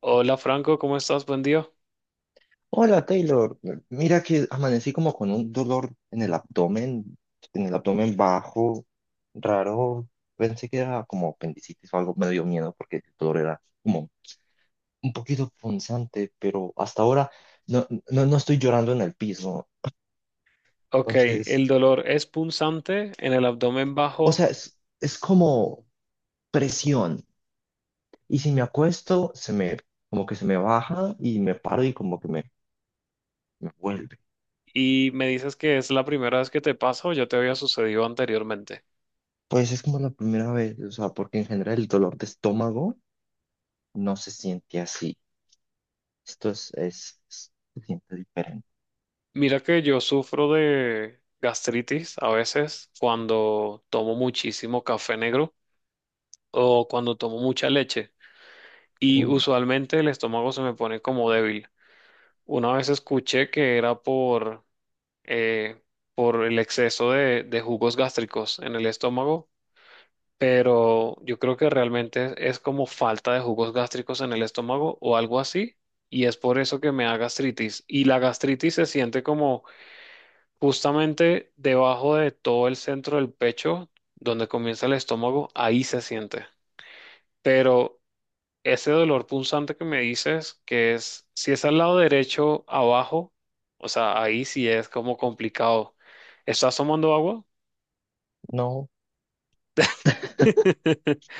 Hola Franco, ¿cómo estás? Buen día. Hola Taylor, mira que amanecí como con un dolor en el abdomen bajo, raro. Pensé que era como apendicitis o algo, me dio miedo porque el dolor era como un poquito punzante, pero hasta ahora no, no, no estoy llorando en el piso. Ok, Entonces, el dolor es punzante en el abdomen o bajo sea, es como presión. Y si me acuesto, como que se me baja y me paro y como que me vuelve. y me dices que es la primera vez que te pasa o ya te había sucedido anteriormente. Pues es como la primera vez, o sea, porque en general el dolor de estómago no se siente así. Esto se siente diferente. Mira que yo sufro de gastritis a veces cuando tomo muchísimo café negro o cuando tomo mucha leche y Mm, usualmente el estómago se me pone como débil. Una vez escuché que era eh, por el exceso de jugos gástricos en el estómago, pero yo creo que realmente es como falta de jugos gástricos en el estómago o algo así, y es por eso que me da gastritis. Y la gastritis se siente como justamente debajo de todo el centro del pecho, donde comienza el estómago, ahí se siente. Pero ese dolor punzante que me dices, que es, si es al lado derecho, abajo, o sea, ahí sí es como complicado. ¿Estás tomando agua? no,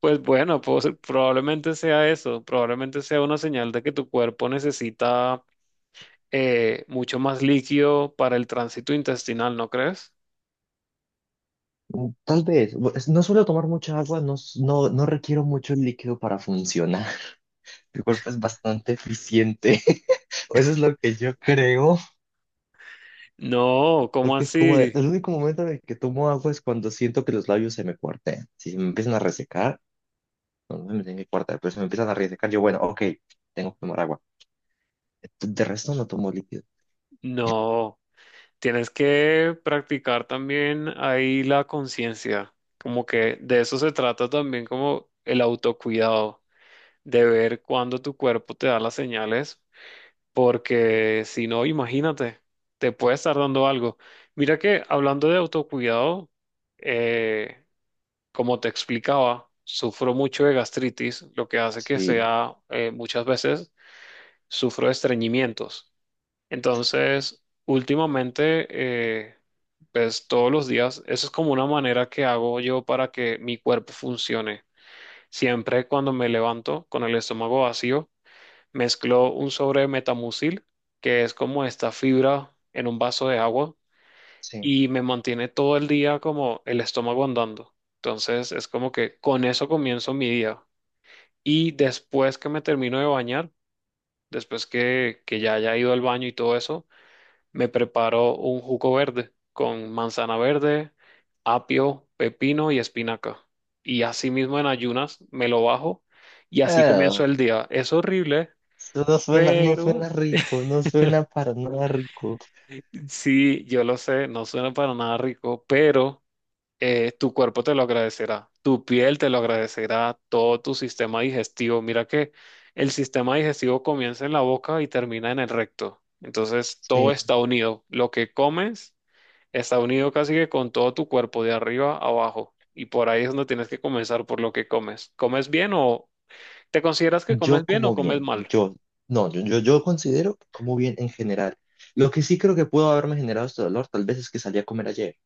Pues bueno, pues probablemente sea eso, probablemente sea una señal de que tu cuerpo necesita, mucho más líquido para el tránsito intestinal, ¿no crees? Tal vez. No suelo tomar mucha agua, no, no requiero mucho líquido para funcionar. Mi cuerpo es bastante eficiente. O eso es lo que yo creo. No, ¿cómo Porque es como así? el único momento en el que tomo agua es cuando siento que los labios se me cuartean. Si se me empiezan a resecar, no, no me tienen que cuartear, pero si me empiezan a resecar, yo, bueno, ok, tengo que tomar agua. De resto no tomo líquido. No, tienes que practicar también ahí la conciencia, como que de eso se trata también como el autocuidado, de ver cuándo tu cuerpo te da las señales, porque si no, imagínate, te puede estar dando algo. Mira que hablando de autocuidado, eh, como te explicaba, sufro mucho de gastritis, lo que hace que Sí, sea, muchas veces, sufro de estreñimientos. Entonces, últimamente, eh, pues todos los días, eso es como una manera que hago yo para que mi cuerpo funcione. Siempre cuando me levanto con el estómago vacío, mezcló un sobre de metamucil, que es como esta fibra en un vaso de agua, sí. y me mantiene todo el día como el estómago andando. Entonces es como que con eso comienzo mi día. Y después que me termino de bañar, después que ya haya ido al baño y todo eso, me preparo un jugo verde con manzana verde, apio, pepino y espinaca. Y así mismo en ayunas me lo bajo y así comienzo Ah, el día. Es horrible. eso no suena, no Pero suena rico, no suena para nada rico. sí, yo lo sé, no suena para nada rico, pero tu cuerpo te lo agradecerá, tu piel te lo agradecerá, todo tu sistema digestivo. Mira que el sistema digestivo comienza en la boca y termina en el recto. Entonces todo Sí, está unido. Lo que comes está unido casi que con todo tu cuerpo, de arriba a abajo. Y por ahí es donde tienes que comenzar por lo que comes. ¿Comes bien o te consideras que comes yo bien o como comes bien, mal? yo, no, yo considero que como bien en general. Lo que sí creo que pudo haberme generado este dolor, tal vez es que salí a comer ayer,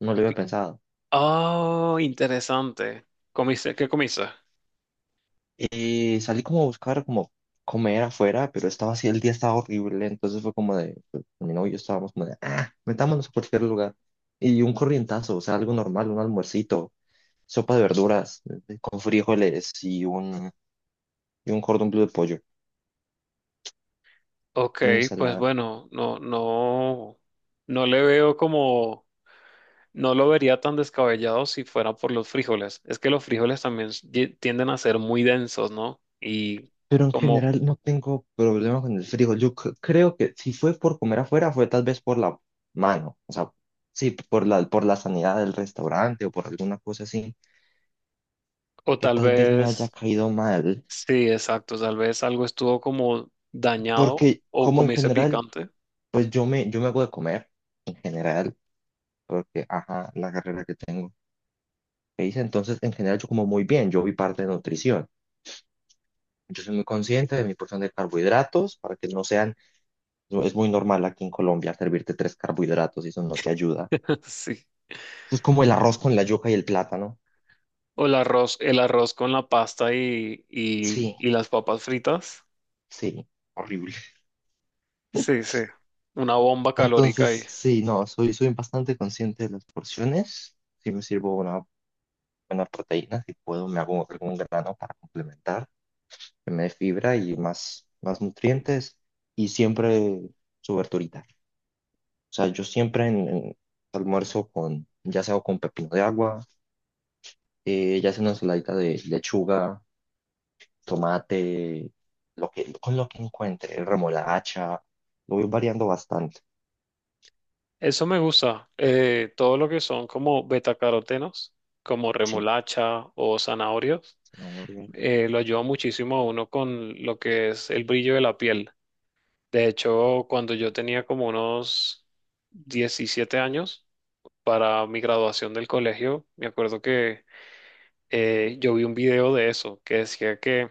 no lo había pensado. Oh, interesante. ¿Comiste? ¿Qué comiste? Salí como a buscar como comer afuera, pero estaba así, el día estaba horrible, entonces fue como de, pues, mi novio y yo estábamos como de, metámonos a cualquier lugar. Y un corrientazo, o sea, algo normal, un almuercito, sopa de verduras con frijoles y un cordón bleu de pollo, Ok, en pues ensalada. bueno, no, no, no le veo como, no lo vería tan descabellado si fuera por los frijoles. Es que los frijoles también tienden a ser muy densos, ¿no? Y Pero en como, general no tengo problema con el frijol. Yo creo que si fue por comer afuera, fue tal vez por la mano. O sea, sí, por la sanidad del restaurante o por alguna cosa así, o que tal tal vez me haya vez, caído mal. sí, exacto, tal vez algo estuvo como dañado Porque o como en comiese general, picante. pues yo me hago de comer, en general, porque, ajá, la carrera que tengo, que hice, entonces, en general yo como muy bien, yo vi parte de nutrición. Yo soy muy consciente de mi porción de carbohidratos para que no sean. No, es muy normal aquí en Colombia servirte tres carbohidratos y eso no te ayuda. Sí. Eso es como el arroz con la yuca y el plátano. O el arroz con la pasta y, y, Sí, y las papas fritas, sí. Horrible. sí, sí, una bomba calórica Entonces, ahí. sí, no, soy bastante consciente de las porciones. Sí me sirvo una buena proteína, si puedo, me hago algún grano para complementar, que me dé fibra y más, más nutrientes. Y siempre subverturitar. O sea, yo siempre en almuerzo con, ya sea con pepino de agua, ya sea una ensaladita de lechuga, tomate, con lo que encuentre, remolacha, lo voy variando bastante. Eso me gusta. Todo lo que son como betacarotenos, como Sí, remolacha o zanahorios, no zanahoria, lo ayuda muchísimo a uno con lo que es el brillo de la piel. De hecho, cuando yo tenía como unos 17 años para mi graduación del colegio, me acuerdo que yo vi un video de eso que decía que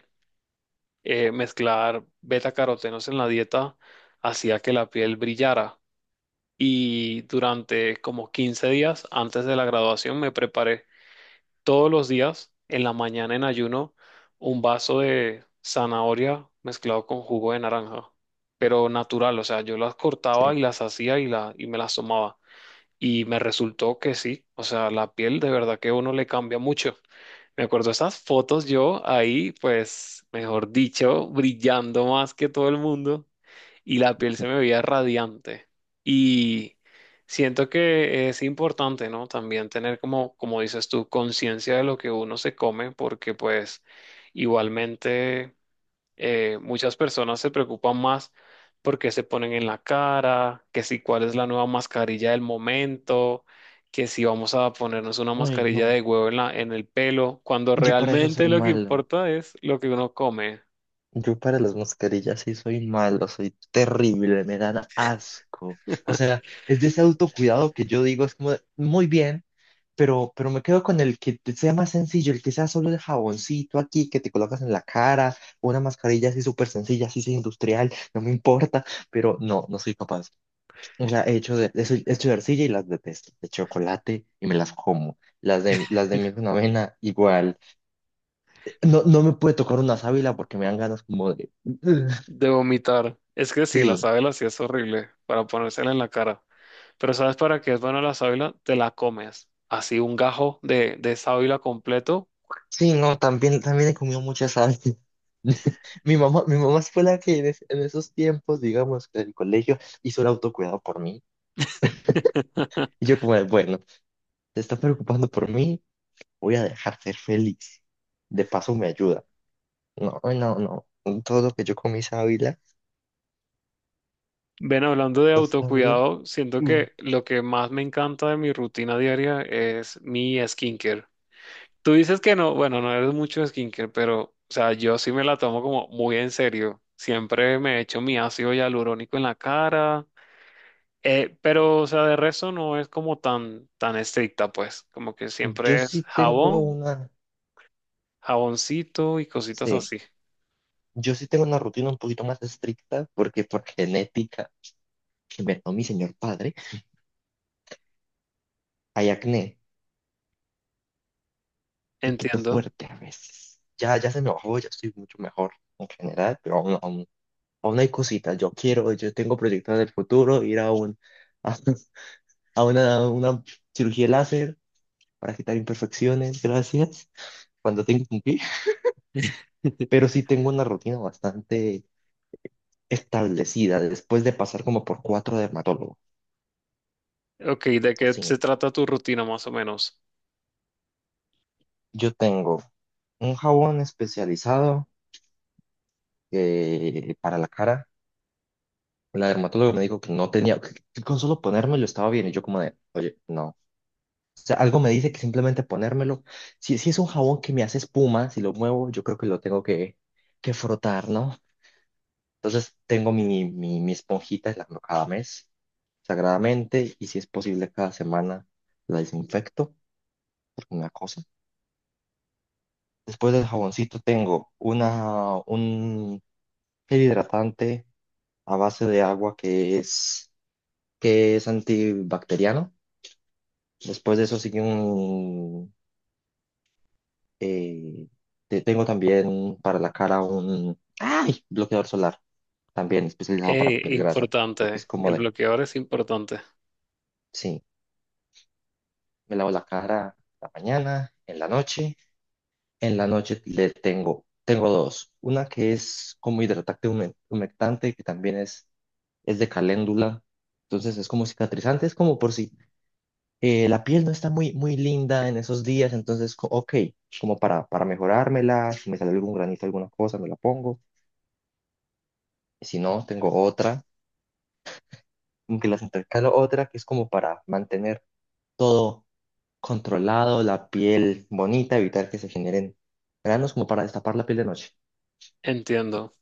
mezclar betacarotenos en la dieta hacía que la piel brillara. Y durante como 15 días antes de la graduación me preparé todos los días en la mañana en ayuno un vaso de zanahoria mezclado con jugo de naranja, pero natural, o sea, yo las cortaba sí. y las hacía y me las tomaba. Y me resultó que sí, o sea, la piel de verdad que a uno le cambia mucho. Me acuerdo esas fotos yo ahí, pues, mejor dicho, brillando más que todo el mundo y la piel se me veía radiante. Y siento que es importante, ¿no? También tener como, como dices tú, conciencia de lo que uno se come, porque pues igualmente muchas personas se preocupan más porque se ponen en la cara, que si cuál es la nueva mascarilla del momento, que si vamos a ponernos una Ay, mascarilla no, de huevo en en el pelo, cuando yo para eso realmente soy lo que malo. importa es lo que uno come. Yo para las mascarillas sí soy malo, soy terrible, me dan asco. O sea, es de ese autocuidado que yo digo, es como, de, muy bien, pero me quedo con el que te sea más sencillo, el que sea solo el jaboncito aquí que te colocas en la cara, una mascarilla así súper sencilla, así sin industrial, no me importa, pero no, no soy capaz. O sea, he hecho de arcilla y las detesto. De chocolate y me las como. Las de miel con avena, igual. No, no me puede tocar una sábila porque me dan ganas como de... De vomitar. Es que sí, la Sí, sábila sí es horrible para ponérsela en la cara. Pero ¿sabes para qué es buena la sábila? Te la comes. Así un gajo de sábila completo. sí, no, también, he comido muchas sábila. Mi mamá fue la que en esos tiempos, digamos, en el colegio, hizo el autocuidado por mí. Y yo como, de, bueno, te está preocupando por mí, voy a dejar ser feliz. De paso me ayuda. No, ay, no, no. Todo lo que yo comí sábila, Ven, hablando de los sábila. autocuidado, siento Mm. que lo que más me encanta de mi rutina diaria es mi skincare. Tú dices que no, bueno, no eres mucho de skincare, pero, o sea, yo sí me la tomo como muy en serio. Siempre me echo mi ácido hialurónico en la cara. Pero, o sea, de resto no es como tan, tan estricta, pues, como que Yo siempre es sí tengo jabón, una, jaboncito y cositas sí, así. yo sí tengo una rutina un poquito más estricta porque por genética que me dio mi señor padre, hay acné un poquito Entiendo. fuerte a veces. Ya, ya se me bajó, ya estoy mucho mejor en general, pero aún, aún, aún hay cositas. Yo quiero, yo tengo proyectos del futuro ir a una cirugía láser para quitar imperfecciones, gracias, cuando tenga que cumplir. Pero sí tengo una rutina bastante establecida después de pasar como por cuatro dermatólogos. Ok, ¿de O qué se sí. trata tu rutina más o menos? Yo tengo un jabón especializado para la cara. La dermatóloga me dijo que no tenía, que con solo ponérmelo estaba bien. Y yo como de, oye, no. O sea, algo me dice que simplemente ponérmelo. Si es un jabón que me hace espuma, si lo muevo, yo creo que lo tengo que frotar, ¿no? Entonces tengo mi esponjita, la hago cada mes, sagradamente, y si es posible cada semana la desinfecto, porque me cosa. Después del jaboncito tengo una, un gel hidratante a base de agua que es, antibacteriano. Después de eso sigue un... eh, tengo también para la cara un... ¡Ay! Bloqueador solar, también especializado para piel grasa, porque Importante, es como el de... bloqueador es importante. Sí, me lavo la cara en la mañana, en la noche. En la noche le tengo dos. Una que es como hidratante humectante, que también es de caléndula. Entonces es como cicatrizante, es como por si la piel no está muy, muy linda en esos días, entonces, ok, como para mejorármela, si me sale algún granito, alguna cosa, me la pongo. Y si no, tengo otra, aunque las intercalo otra, que es como para mantener todo controlado, la piel bonita, evitar que se generen granos, como para destapar la piel de noche. Entiendo.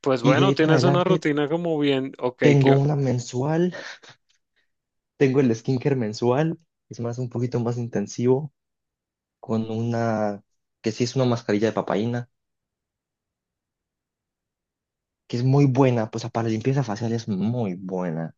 Pues Y de bueno, ahí para tienes una adelante, rutina como bien, ok, tengo que una mensual, tengo el skincare mensual, es más, un poquito más intensivo, con una, que sí es una mascarilla de papaína que es muy buena, pues para limpieza facial es muy buena.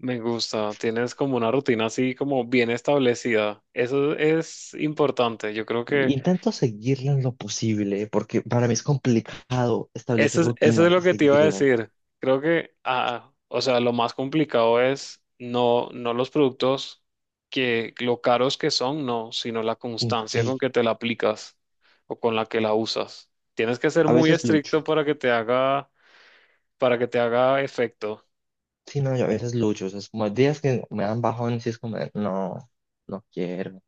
me gusta, tienes como una rutina así como bien establecida. Eso es importante. Yo creo que Y intento seguirla en lo posible, porque para mí es complicado establecer eso es, eso es rutinas lo y que te iba a seguirlas. decir. Creo que, ah, o sea, lo más complicado es no, no los productos, que lo caros que son, no, sino la Y- constancia con y que te la aplicas o con la que la usas. Tienes que ser a muy veces lucho, estricto para que te haga, para que te haga efecto. sí, no, yo a veces lucho, o sea, es como días que me dan bajones y es como, no, no quiero,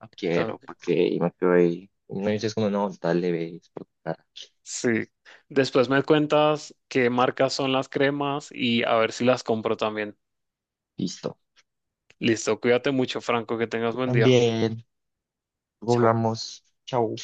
no Ah, quiero, ¿para qué? Y me quedo ahí. Y me dices como, no, dale, ve, es por tu cara. sí. Después me cuentas qué marcas son las cremas y a ver si las compro también. Listo. Listo, cuídate mucho, Franco, que tengas buen día. También, luego Chao. hablamos, chau.